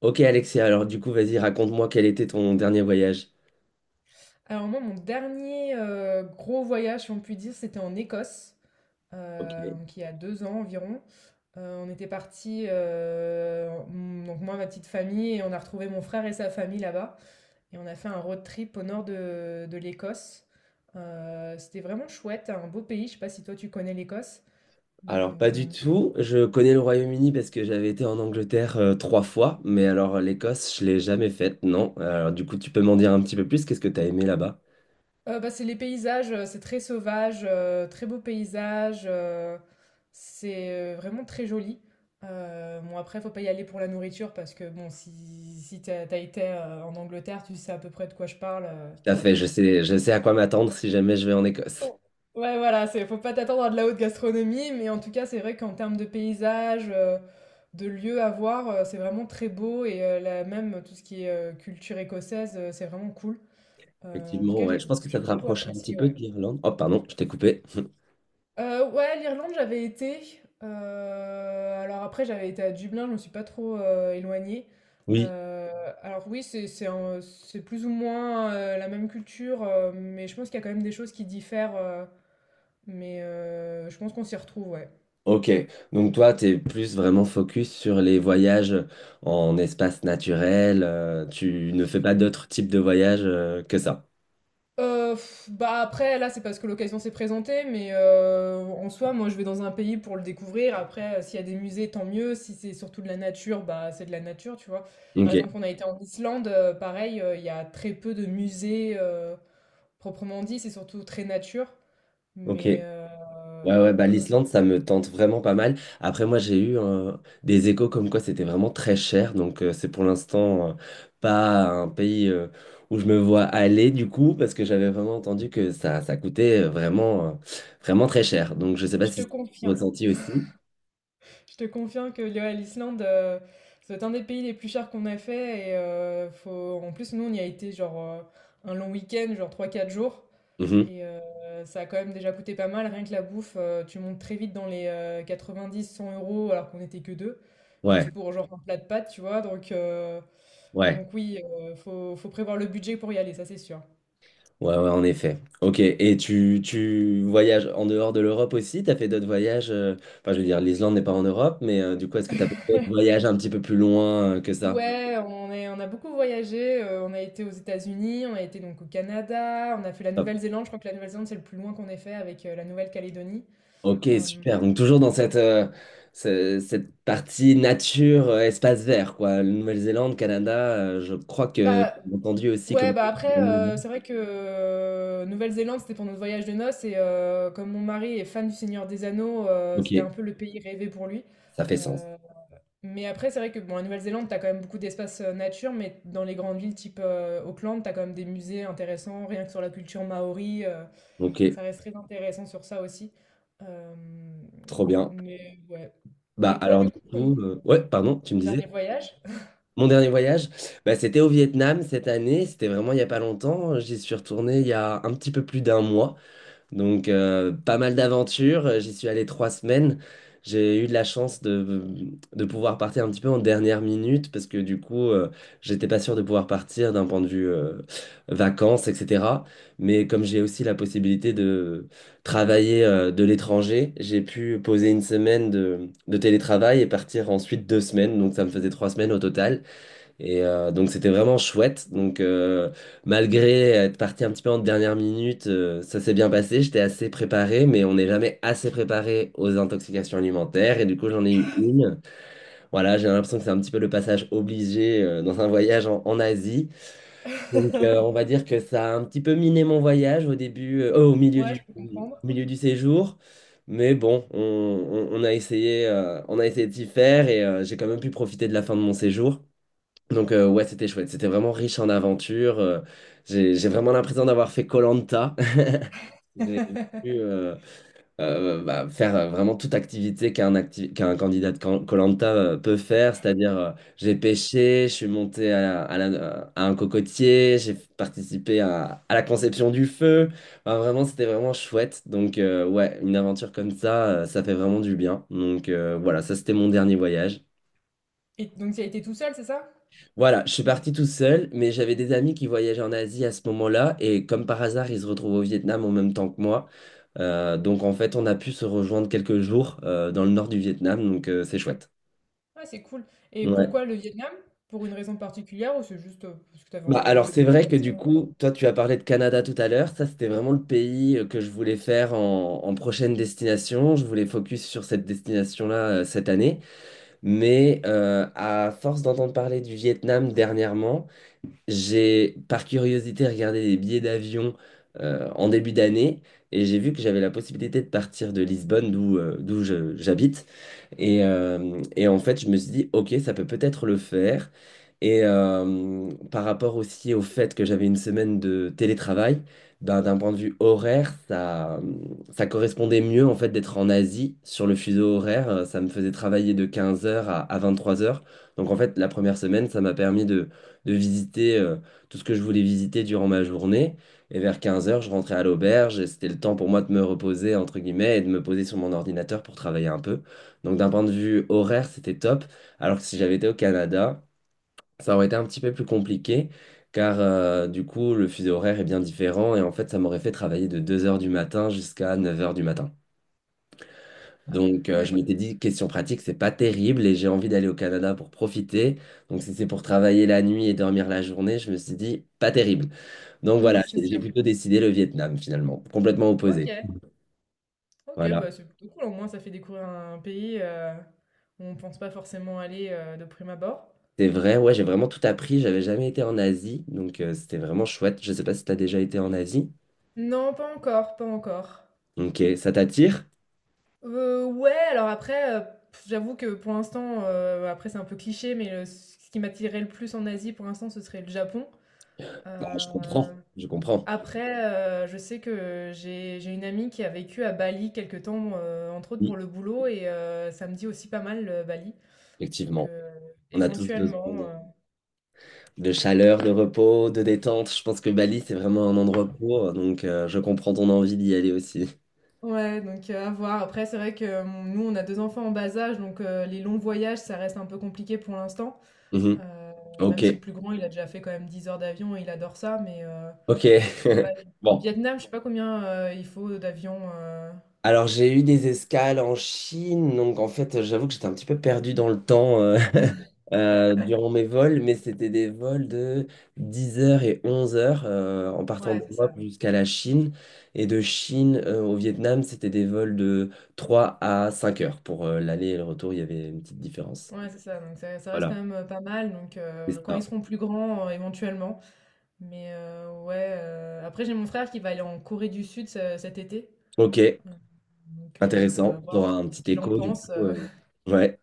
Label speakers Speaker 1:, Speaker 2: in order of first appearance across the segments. Speaker 1: Ok Alexia, alors du coup, vas-y, raconte-moi quel était ton dernier voyage.
Speaker 2: Alors moi, mon dernier, gros voyage, si on peut dire, c'était en Écosse, heu,
Speaker 1: Ok.
Speaker 2: donc il y a 2 ans environ. On était parti, donc moi, ma petite famille, et on a retrouvé mon frère et sa famille là-bas, et on a fait un road trip au nord de l'Écosse. C'était vraiment chouette, un beau pays. Je sais pas si toi tu connais l'Écosse?
Speaker 1: Alors pas du
Speaker 2: Mais
Speaker 1: tout. Je connais le Royaume-Uni parce que j'avais été en Angleterre 3 fois, mais alors l'Écosse, je l'ai jamais faite, non. Alors du coup, tu peux m'en dire un petit peu plus. Qu'est-ce que t'as aimé là-bas?
Speaker 2: Bah, c'est les paysages, c'est très sauvage, très beaux paysages, c'est, vraiment très joli. Bon, après, faut pas y aller pour la nourriture, parce que bon, si t'as as été, en Angleterre, tu sais à peu près de quoi je parle.
Speaker 1: Tout à fait, je sais à quoi m'attendre si jamais je vais en Écosse.
Speaker 2: Ouais, voilà, c'est faut pas t'attendre à de la haute gastronomie, mais en tout cas, c'est vrai qu'en termes de paysages, de lieux à voir, c'est vraiment très beau, et là même tout ce qui est, culture écossaise, c'est vraiment cool. En tout
Speaker 1: Effectivement,
Speaker 2: cas,
Speaker 1: ouais,
Speaker 2: j'ai
Speaker 1: je pense que ça
Speaker 2: j'ai
Speaker 1: te
Speaker 2: beaucoup
Speaker 1: rapproche un petit
Speaker 2: apprécié,
Speaker 1: peu de
Speaker 2: ouais.
Speaker 1: l'Irlande. Oh, pardon, je t'ai coupé.
Speaker 2: Ouais, l'Irlande, j'avais été, alors après j'avais été à Dublin, je me suis pas trop, éloignée.
Speaker 1: Oui.
Speaker 2: Heu, alors oui, c'est plus ou moins, la même culture, mais je pense qu'il y a quand même des choses qui diffèrent, mais je pense qu'on s'y retrouve, ouais.
Speaker 1: Ok, donc toi, tu es plus vraiment focus sur les voyages en espace naturel, tu ne fais pas d'autres types de voyages que ça.
Speaker 2: Bah, après, là, c'est parce que l'occasion s'est présentée, mais en soi, moi, je vais dans un pays pour le découvrir. Après, s'il y a des musées, tant mieux. Si c'est surtout de la nature, bah c'est de la nature, tu vois. Par
Speaker 1: Ok,
Speaker 2: exemple, on a été en Islande, pareil, il y a très peu de musées proprement dit, c'est surtout très nature. Mais
Speaker 1: ok. Ouais, ouais, bah l'Islande, ça me tente vraiment pas mal. Après, moi, j'ai eu des échos comme quoi c'était vraiment très cher, donc c'est pour l'instant pas un pays où je me vois aller du coup, parce que j'avais vraiment entendu que ça coûtait vraiment très cher. Donc je sais pas
Speaker 2: je
Speaker 1: si
Speaker 2: te
Speaker 1: c'est
Speaker 2: confirme,
Speaker 1: ressenti aussi.
Speaker 2: je te confirme que ouais, l'Islande, c'est un des pays les plus chers qu'on a fait. Et faut... en plus, nous, on y a été genre un long week-end, genre trois quatre jours.
Speaker 1: Mhm.
Speaker 2: Et ça a quand même déjà coûté pas mal, rien que la bouffe. Tu montes très vite dans les 90-100 euros, alors qu'on n'était que deux,
Speaker 1: Ouais,
Speaker 2: juste pour genre un plat de pâtes, tu vois. Donc, euh,
Speaker 1: ouais.
Speaker 2: donc oui, faut prévoir le budget pour y aller, ça c'est sûr.
Speaker 1: Ouais, ouais, en effet. Ok, et tu voyages en dehors de l'Europe aussi? T'as fait d'autres voyages? Enfin, je veux dire, l'Islande n'est pas en Europe, mais du coup, est-ce que t'as fait d'autres voyages un petit peu plus loin que ça?
Speaker 2: Ouais, on a beaucoup voyagé, on a été aux États-Unis, on a été donc au Canada, on a fait la
Speaker 1: Hop.
Speaker 2: Nouvelle-Zélande. Je crois que la Nouvelle-Zélande c'est le plus loin qu'on ait fait, avec la Nouvelle-Calédonie.
Speaker 1: Ok,
Speaker 2: Euh,
Speaker 1: super. Donc, toujours dans cette partie nature, espace vert, quoi. Nouvelle-Zélande, Canada, je crois que
Speaker 2: bah,
Speaker 1: j'ai entendu aussi
Speaker 2: Ouais,
Speaker 1: comme...
Speaker 2: bah, après, c'est vrai que Nouvelle-Zélande, c'était pour notre voyage de noces. Et comme mon mari est fan du Seigneur des Anneaux,
Speaker 1: Ok,
Speaker 2: c'était un peu le pays rêvé pour lui.
Speaker 1: ça fait sens.
Speaker 2: Euh, mais après, c'est vrai que bon, à Nouvelle-Zélande, t'as quand même beaucoup d'espaces nature. Mais dans les grandes villes type Auckland, t'as quand même des musées intéressants, rien que sur la culture maori.
Speaker 1: Ok,
Speaker 2: Ça reste très intéressant sur ça aussi. Euh,
Speaker 1: trop bien.
Speaker 2: mais ouais.
Speaker 1: Bah,
Speaker 2: Et toi,
Speaker 1: alors,
Speaker 2: du
Speaker 1: du
Speaker 2: coup, ton
Speaker 1: coup... Ouais, pardon, tu me
Speaker 2: ton
Speaker 1: disais?
Speaker 2: dernier voyage?
Speaker 1: Mon dernier voyage, bah, c'était au Vietnam cette année. C'était vraiment il n'y a pas longtemps. J'y suis retourné il y a un petit peu plus d'un mois. Donc, pas mal d'aventures. J'y suis allé 3 semaines. J'ai eu de la chance de pouvoir partir un petit peu en dernière minute parce que du coup, j'étais pas sûr de pouvoir partir d'un point de vue vacances, etc. Mais comme j'ai aussi la possibilité de travailler de l'étranger, j'ai pu poser 1 semaine de télétravail et partir ensuite 2 semaines. Donc, ça me faisait 3 semaines au total. Et donc c'était vraiment chouette. Donc malgré être parti un petit peu en dernière minute, ça s'est bien passé. J'étais assez préparé, mais on n'est jamais assez préparé aux intoxications alimentaires. Et du coup j'en ai eu une. Voilà, j'ai l'impression que c'est un petit peu le passage obligé dans un voyage en Asie. Donc on va dire que ça a un petit peu miné mon voyage au début,
Speaker 2: Ouais, je peux comprendre.
Speaker 1: au milieu du séjour. Mais bon, on a essayé de d'y faire et j'ai quand même pu profiter de la fin de mon séjour. Donc ouais, c'était chouette. C'était vraiment riche en aventures. J'ai vraiment l'impression d'avoir fait koh J'ai pu bah, faire vraiment toute activité qu'un candidat de koh peut faire. C'est-à-dire, j'ai pêché, je suis monté à un cocotier, j'ai participé à la conception du feu. Enfin, vraiment, c'était vraiment chouette. Donc ouais, une aventure comme ça, ça fait vraiment du bien. Donc voilà, ça c'était mon dernier voyage.
Speaker 2: Et donc, tu as été tout seul, c'est ça?
Speaker 1: Voilà, je suis parti tout seul, mais j'avais des amis qui voyageaient en Asie à ce moment-là, et comme par hasard, ils se retrouvent au Vietnam en même temps que moi. Donc en fait, on a pu se rejoindre quelques jours dans le nord du Vietnam, donc c'est chouette.
Speaker 2: Ah, c'est cool. Et
Speaker 1: Ouais.
Speaker 2: pourquoi le Vietnam? Pour une raison particulière, ou c'est juste parce que tu avais
Speaker 1: Bah,
Speaker 2: envie de le
Speaker 1: alors c'est
Speaker 2: découvrir
Speaker 1: vrai
Speaker 2: comme
Speaker 1: que
Speaker 2: ça?
Speaker 1: du coup, toi tu as parlé de Canada tout à l'heure, ça c'était vraiment le pays que je voulais faire en prochaine destination, je voulais focus sur cette destination-là cette année, mais à force d'entendre parler du Vietnam dernièrement, j'ai, par curiosité, regardé les billets d'avion en début d'année et j'ai vu que j'avais la possibilité de partir de Lisbonne, d'où j'habite, et en fait, je me suis dit, ok, ça peut peut-être le faire. Et par rapport aussi au fait que j'avais 1 semaine de télétravail, ben, d'un point de vue horaire, ça correspondait mieux en fait d'être en Asie sur le fuseau horaire. Ça me faisait travailler de 15 heures à 3 heures. Donc en fait, la première semaine, ça m'a permis de visiter tout ce que je voulais visiter durant ma journée. Et vers 15 heures, je rentrais à l'auberge et c'était le temps pour moi de me reposer, entre guillemets, et de me poser sur mon ordinateur pour travailler un peu. Donc d'un point de vue horaire, c'était top. Alors que si j'avais été au Canada, ça aurait été un petit peu plus compliqué, car du coup, le fuseau horaire est bien différent, et en fait, ça m'aurait fait travailler de 2 heures du matin jusqu'à 9 heures du matin.
Speaker 2: Ah,
Speaker 1: Donc je
Speaker 2: ouais,
Speaker 1: m'étais dit, question pratique, c'est pas terrible, et j'ai envie d'aller au Canada pour profiter. Donc si c'est pour travailler la nuit et dormir la journée, je me suis dit, pas terrible. Donc
Speaker 2: ouais,
Speaker 1: voilà,
Speaker 2: c'est
Speaker 1: j'ai
Speaker 2: sûr.
Speaker 1: plutôt décidé le Vietnam finalement, complètement
Speaker 2: Ok,
Speaker 1: opposé.
Speaker 2: ok,
Speaker 1: Voilà.
Speaker 2: bah c'est plutôt cool. Au moins, ça fait découvrir un pays où on pense pas forcément aller, de prime abord.
Speaker 1: C'est vrai, ouais, j'ai vraiment tout appris. J'avais jamais été en Asie, donc c'était vraiment chouette. Je sais pas si t'as déjà été en Asie.
Speaker 2: Non, pas encore, pas encore.
Speaker 1: Ok, ça t'attire?
Speaker 2: Ouais, alors après, j'avoue que pour l'instant, après c'est un peu cliché, mais ce qui m'attirait le plus en Asie pour l'instant, ce serait le Japon.
Speaker 1: Bah, je
Speaker 2: Euh,
Speaker 1: comprends, je comprends.
Speaker 2: Après, je sais que j'ai une amie qui a vécu à Bali quelque temps, entre autres pour
Speaker 1: Oui,
Speaker 2: le boulot, et ça me dit aussi pas mal, Bali. Donc
Speaker 1: effectivement. On a tous besoin
Speaker 2: éventuellement,
Speaker 1: de chaleur, de repos, de détente. Je pense que Bali, c'est vraiment un endroit pour, donc je comprends ton envie d'y aller aussi.
Speaker 2: ouais. Donc à voir. Après, c'est vrai que, nous, on a 2 enfants en bas âge, donc les longs voyages, ça reste un peu compliqué pour l'instant. Heu,
Speaker 1: Mhm. Ok,
Speaker 2: Même si le plus grand, il a déjà fait quand même 10 heures d'avion, et il adore ça. Mais
Speaker 1: ok.
Speaker 2: pour Bali, pour le
Speaker 1: Bon.
Speaker 2: Vietnam, je sais pas combien, il faut d'avions.
Speaker 1: Alors, j'ai eu des escales en Chine, donc en fait, j'avoue que j'étais un petit peu perdu dans le temps. Durant mes vols, mais c'était des vols de 10 heures et 11h en partant
Speaker 2: Ouais, c'est
Speaker 1: d'Europe
Speaker 2: ça.
Speaker 1: jusqu'à la Chine. Et de Chine au Vietnam, c'était des vols de 3 à 5 heures. Pour l'aller et le retour, il y avait une petite différence.
Speaker 2: Ouais, c'est ça. Donc ça reste quand
Speaker 1: Voilà,
Speaker 2: même, pas mal. Donc
Speaker 1: c'est
Speaker 2: quand ils
Speaker 1: ça.
Speaker 2: seront plus grands, éventuellement. Mais ouais, après, j'ai mon frère qui va aller en Corée du Sud ce cet été.
Speaker 1: Ok,
Speaker 2: Donc
Speaker 1: intéressant.
Speaker 2: à
Speaker 1: Tu
Speaker 2: voir
Speaker 1: auras un
Speaker 2: ce
Speaker 1: petit
Speaker 2: qu'il en
Speaker 1: écho du
Speaker 2: pense.
Speaker 1: coup. Ouais.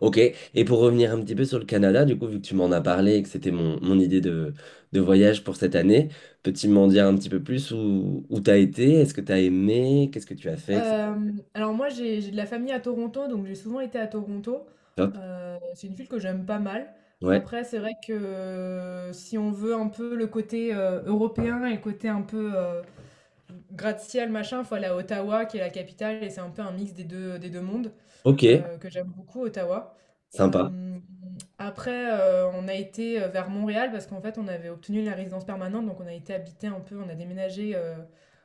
Speaker 1: Ok, et pour revenir un petit peu sur le Canada, du coup, vu que tu m'en as parlé et que c'était mon idée de voyage pour cette année, peux-tu m'en dire un petit peu plus où t'as été? Est-ce que t'as aimé? Qu'est-ce que tu as fait?
Speaker 2: Alors moi, j'ai de la famille à Toronto. Donc j'ai souvent été à Toronto.
Speaker 1: Top.
Speaker 2: C'est une ville que j'aime pas mal.
Speaker 1: Ouais.
Speaker 2: Après, c'est vrai que si on veut un peu le côté, européen, et le côté un peu, gratte-ciel, machin, faut aller à Ottawa, qui est la capitale, et c'est un peu un mix des deux mondes,
Speaker 1: Ok,
Speaker 2: que j'aime beaucoup, Ottawa.
Speaker 1: sympa.
Speaker 2: Euh, Après, on a été vers Montréal, parce qu'en fait, on avait obtenu la résidence permanente. Donc on a été habité un peu, on a déménagé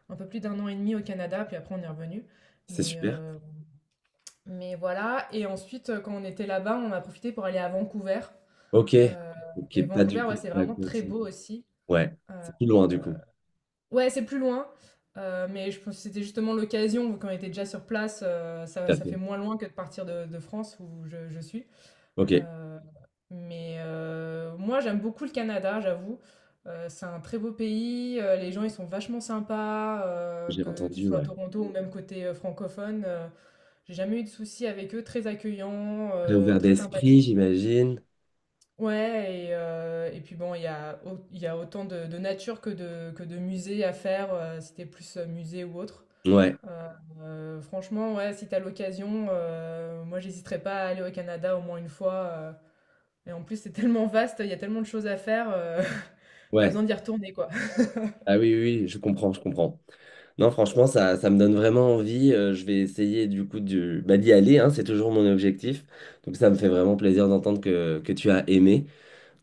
Speaker 2: un peu plus d'un an et demi au Canada, puis après, on est revenu.
Speaker 1: C'est
Speaker 2: Mais,
Speaker 1: super.
Speaker 2: euh, mais voilà. Et ensuite, quand on était là-bas, on a profité pour aller à Vancouver.
Speaker 1: Ok.
Speaker 2: Euh, et
Speaker 1: Ok, pas
Speaker 2: Vancouver,
Speaker 1: du coup.
Speaker 2: ouais, c'est
Speaker 1: C'est à
Speaker 2: vraiment très
Speaker 1: côté.
Speaker 2: beau aussi.
Speaker 1: Ouais,
Speaker 2: Euh,
Speaker 1: c'est plus loin du coup.
Speaker 2: Ouais, c'est plus loin, mais je pense que c'était justement l'occasion, vu qu'on était déjà sur place. Ça
Speaker 1: Tout à
Speaker 2: ça fait
Speaker 1: fait.
Speaker 2: moins loin que de partir de France où je suis.
Speaker 1: Ok,
Speaker 2: heu, mais moi j'aime beaucoup le Canada, j'avoue. C'est un très beau pays. Les gens ils sont vachement sympas,
Speaker 1: j'ai
Speaker 2: que tu
Speaker 1: entendu,
Speaker 2: sois à
Speaker 1: ouais.
Speaker 2: Toronto ou même côté, francophone. J'ai jamais eu de soucis avec eux. Très accueillants,
Speaker 1: Très ouvert
Speaker 2: très
Speaker 1: d'esprit,
Speaker 2: sympathiques.
Speaker 1: j'imagine.
Speaker 2: Ouais, et puis bon, il y a autant de nature que de musée à faire, si tu plus, musée ou autre.
Speaker 1: Ouais,
Speaker 2: Franchement, ouais, si t'as l'occasion, moi, j'hésiterais pas à aller au Canada au moins une fois. Et en plus, c'est tellement vaste, il y a tellement de choses à faire, tu
Speaker 1: ouais.
Speaker 2: besoin d'y retourner, quoi.
Speaker 1: Ah oui, oui, oui, je comprends, je comprends. Non, franchement, ça me donne vraiment envie. Je vais essayer du coup bah, d'y aller, hein, c'est toujours mon objectif. Donc ça me fait vraiment plaisir d'entendre que tu as aimé.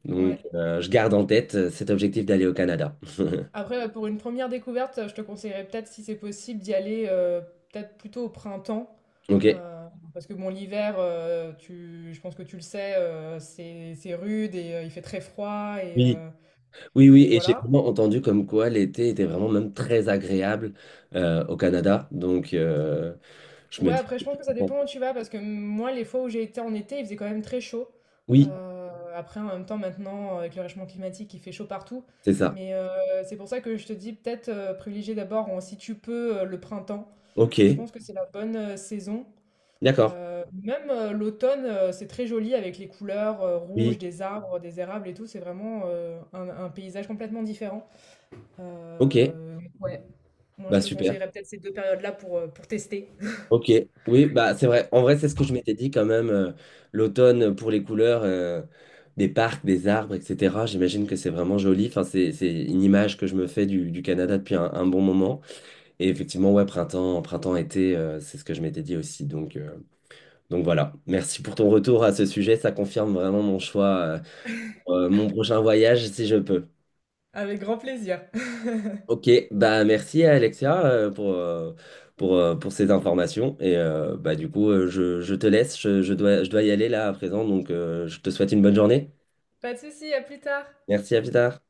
Speaker 1: Donc
Speaker 2: Ouais.
Speaker 1: je garde en tête cet objectif d'aller au Canada.
Speaker 2: Après, pour une première découverte, je te conseillerais peut-être, si c'est possible, d'y aller, peut-être plutôt au printemps,
Speaker 1: Ok.
Speaker 2: heu, parce que bon, l'hiver, tu je pense que tu le sais, c'est rude, et il fait très froid, et
Speaker 1: Oui,
Speaker 2: heu
Speaker 1: oui, oui,
Speaker 2: et
Speaker 1: et j'ai
Speaker 2: voilà.
Speaker 1: vraiment entendu comme quoi l'été était vraiment même très agréable au Canada. Donc je me
Speaker 2: Ouais,
Speaker 1: dis,
Speaker 2: après, je pense que ça
Speaker 1: bon,
Speaker 2: dépend où tu vas, parce que moi, les fois où j'ai été en été, il faisait quand même très chaud. Heu,
Speaker 1: oui,
Speaker 2: Après, en même temps, maintenant, avec le réchauffement climatique, il fait chaud partout.
Speaker 1: c'est ça.
Speaker 2: Mais c'est pour ça que je te dis peut-être, privilégier d'abord, en si tu peux, le printemps,
Speaker 1: Ok,
Speaker 2: où je pense que c'est la bonne, saison.
Speaker 1: d'accord.
Speaker 2: Même, l'automne, c'est très joli avec les couleurs, rouges
Speaker 1: Oui,
Speaker 2: des arbres, des érables et tout. C'est vraiment, un paysage complètement différent.
Speaker 1: ok,
Speaker 2: Ouais, moi
Speaker 1: bah
Speaker 2: je te
Speaker 1: super.
Speaker 2: conseillerais peut-être ces 2 périodes-là pour tester.
Speaker 1: Ok, oui, bah c'est vrai. En vrai, c'est ce que je m'étais dit quand même. L'automne pour les couleurs des parcs, des arbres, etc. J'imagine que c'est vraiment joli. Enfin, c'est une image que je me fais du Canada depuis un bon moment. Et effectivement, ouais, printemps, printemps, été, c'est ce que je m'étais dit aussi. Donc voilà. Merci pour ton retour à ce sujet. Ça confirme vraiment mon choix pour, mon prochain voyage si je peux.
Speaker 2: Avec grand plaisir.
Speaker 1: Ok, bah merci à Alexia pour ces informations. Et bah du coup, je te laisse, je dois y aller là à présent, donc je te souhaite une bonne journée.
Speaker 2: Pas de souci, à plus tard.
Speaker 1: Merci, à plus tard.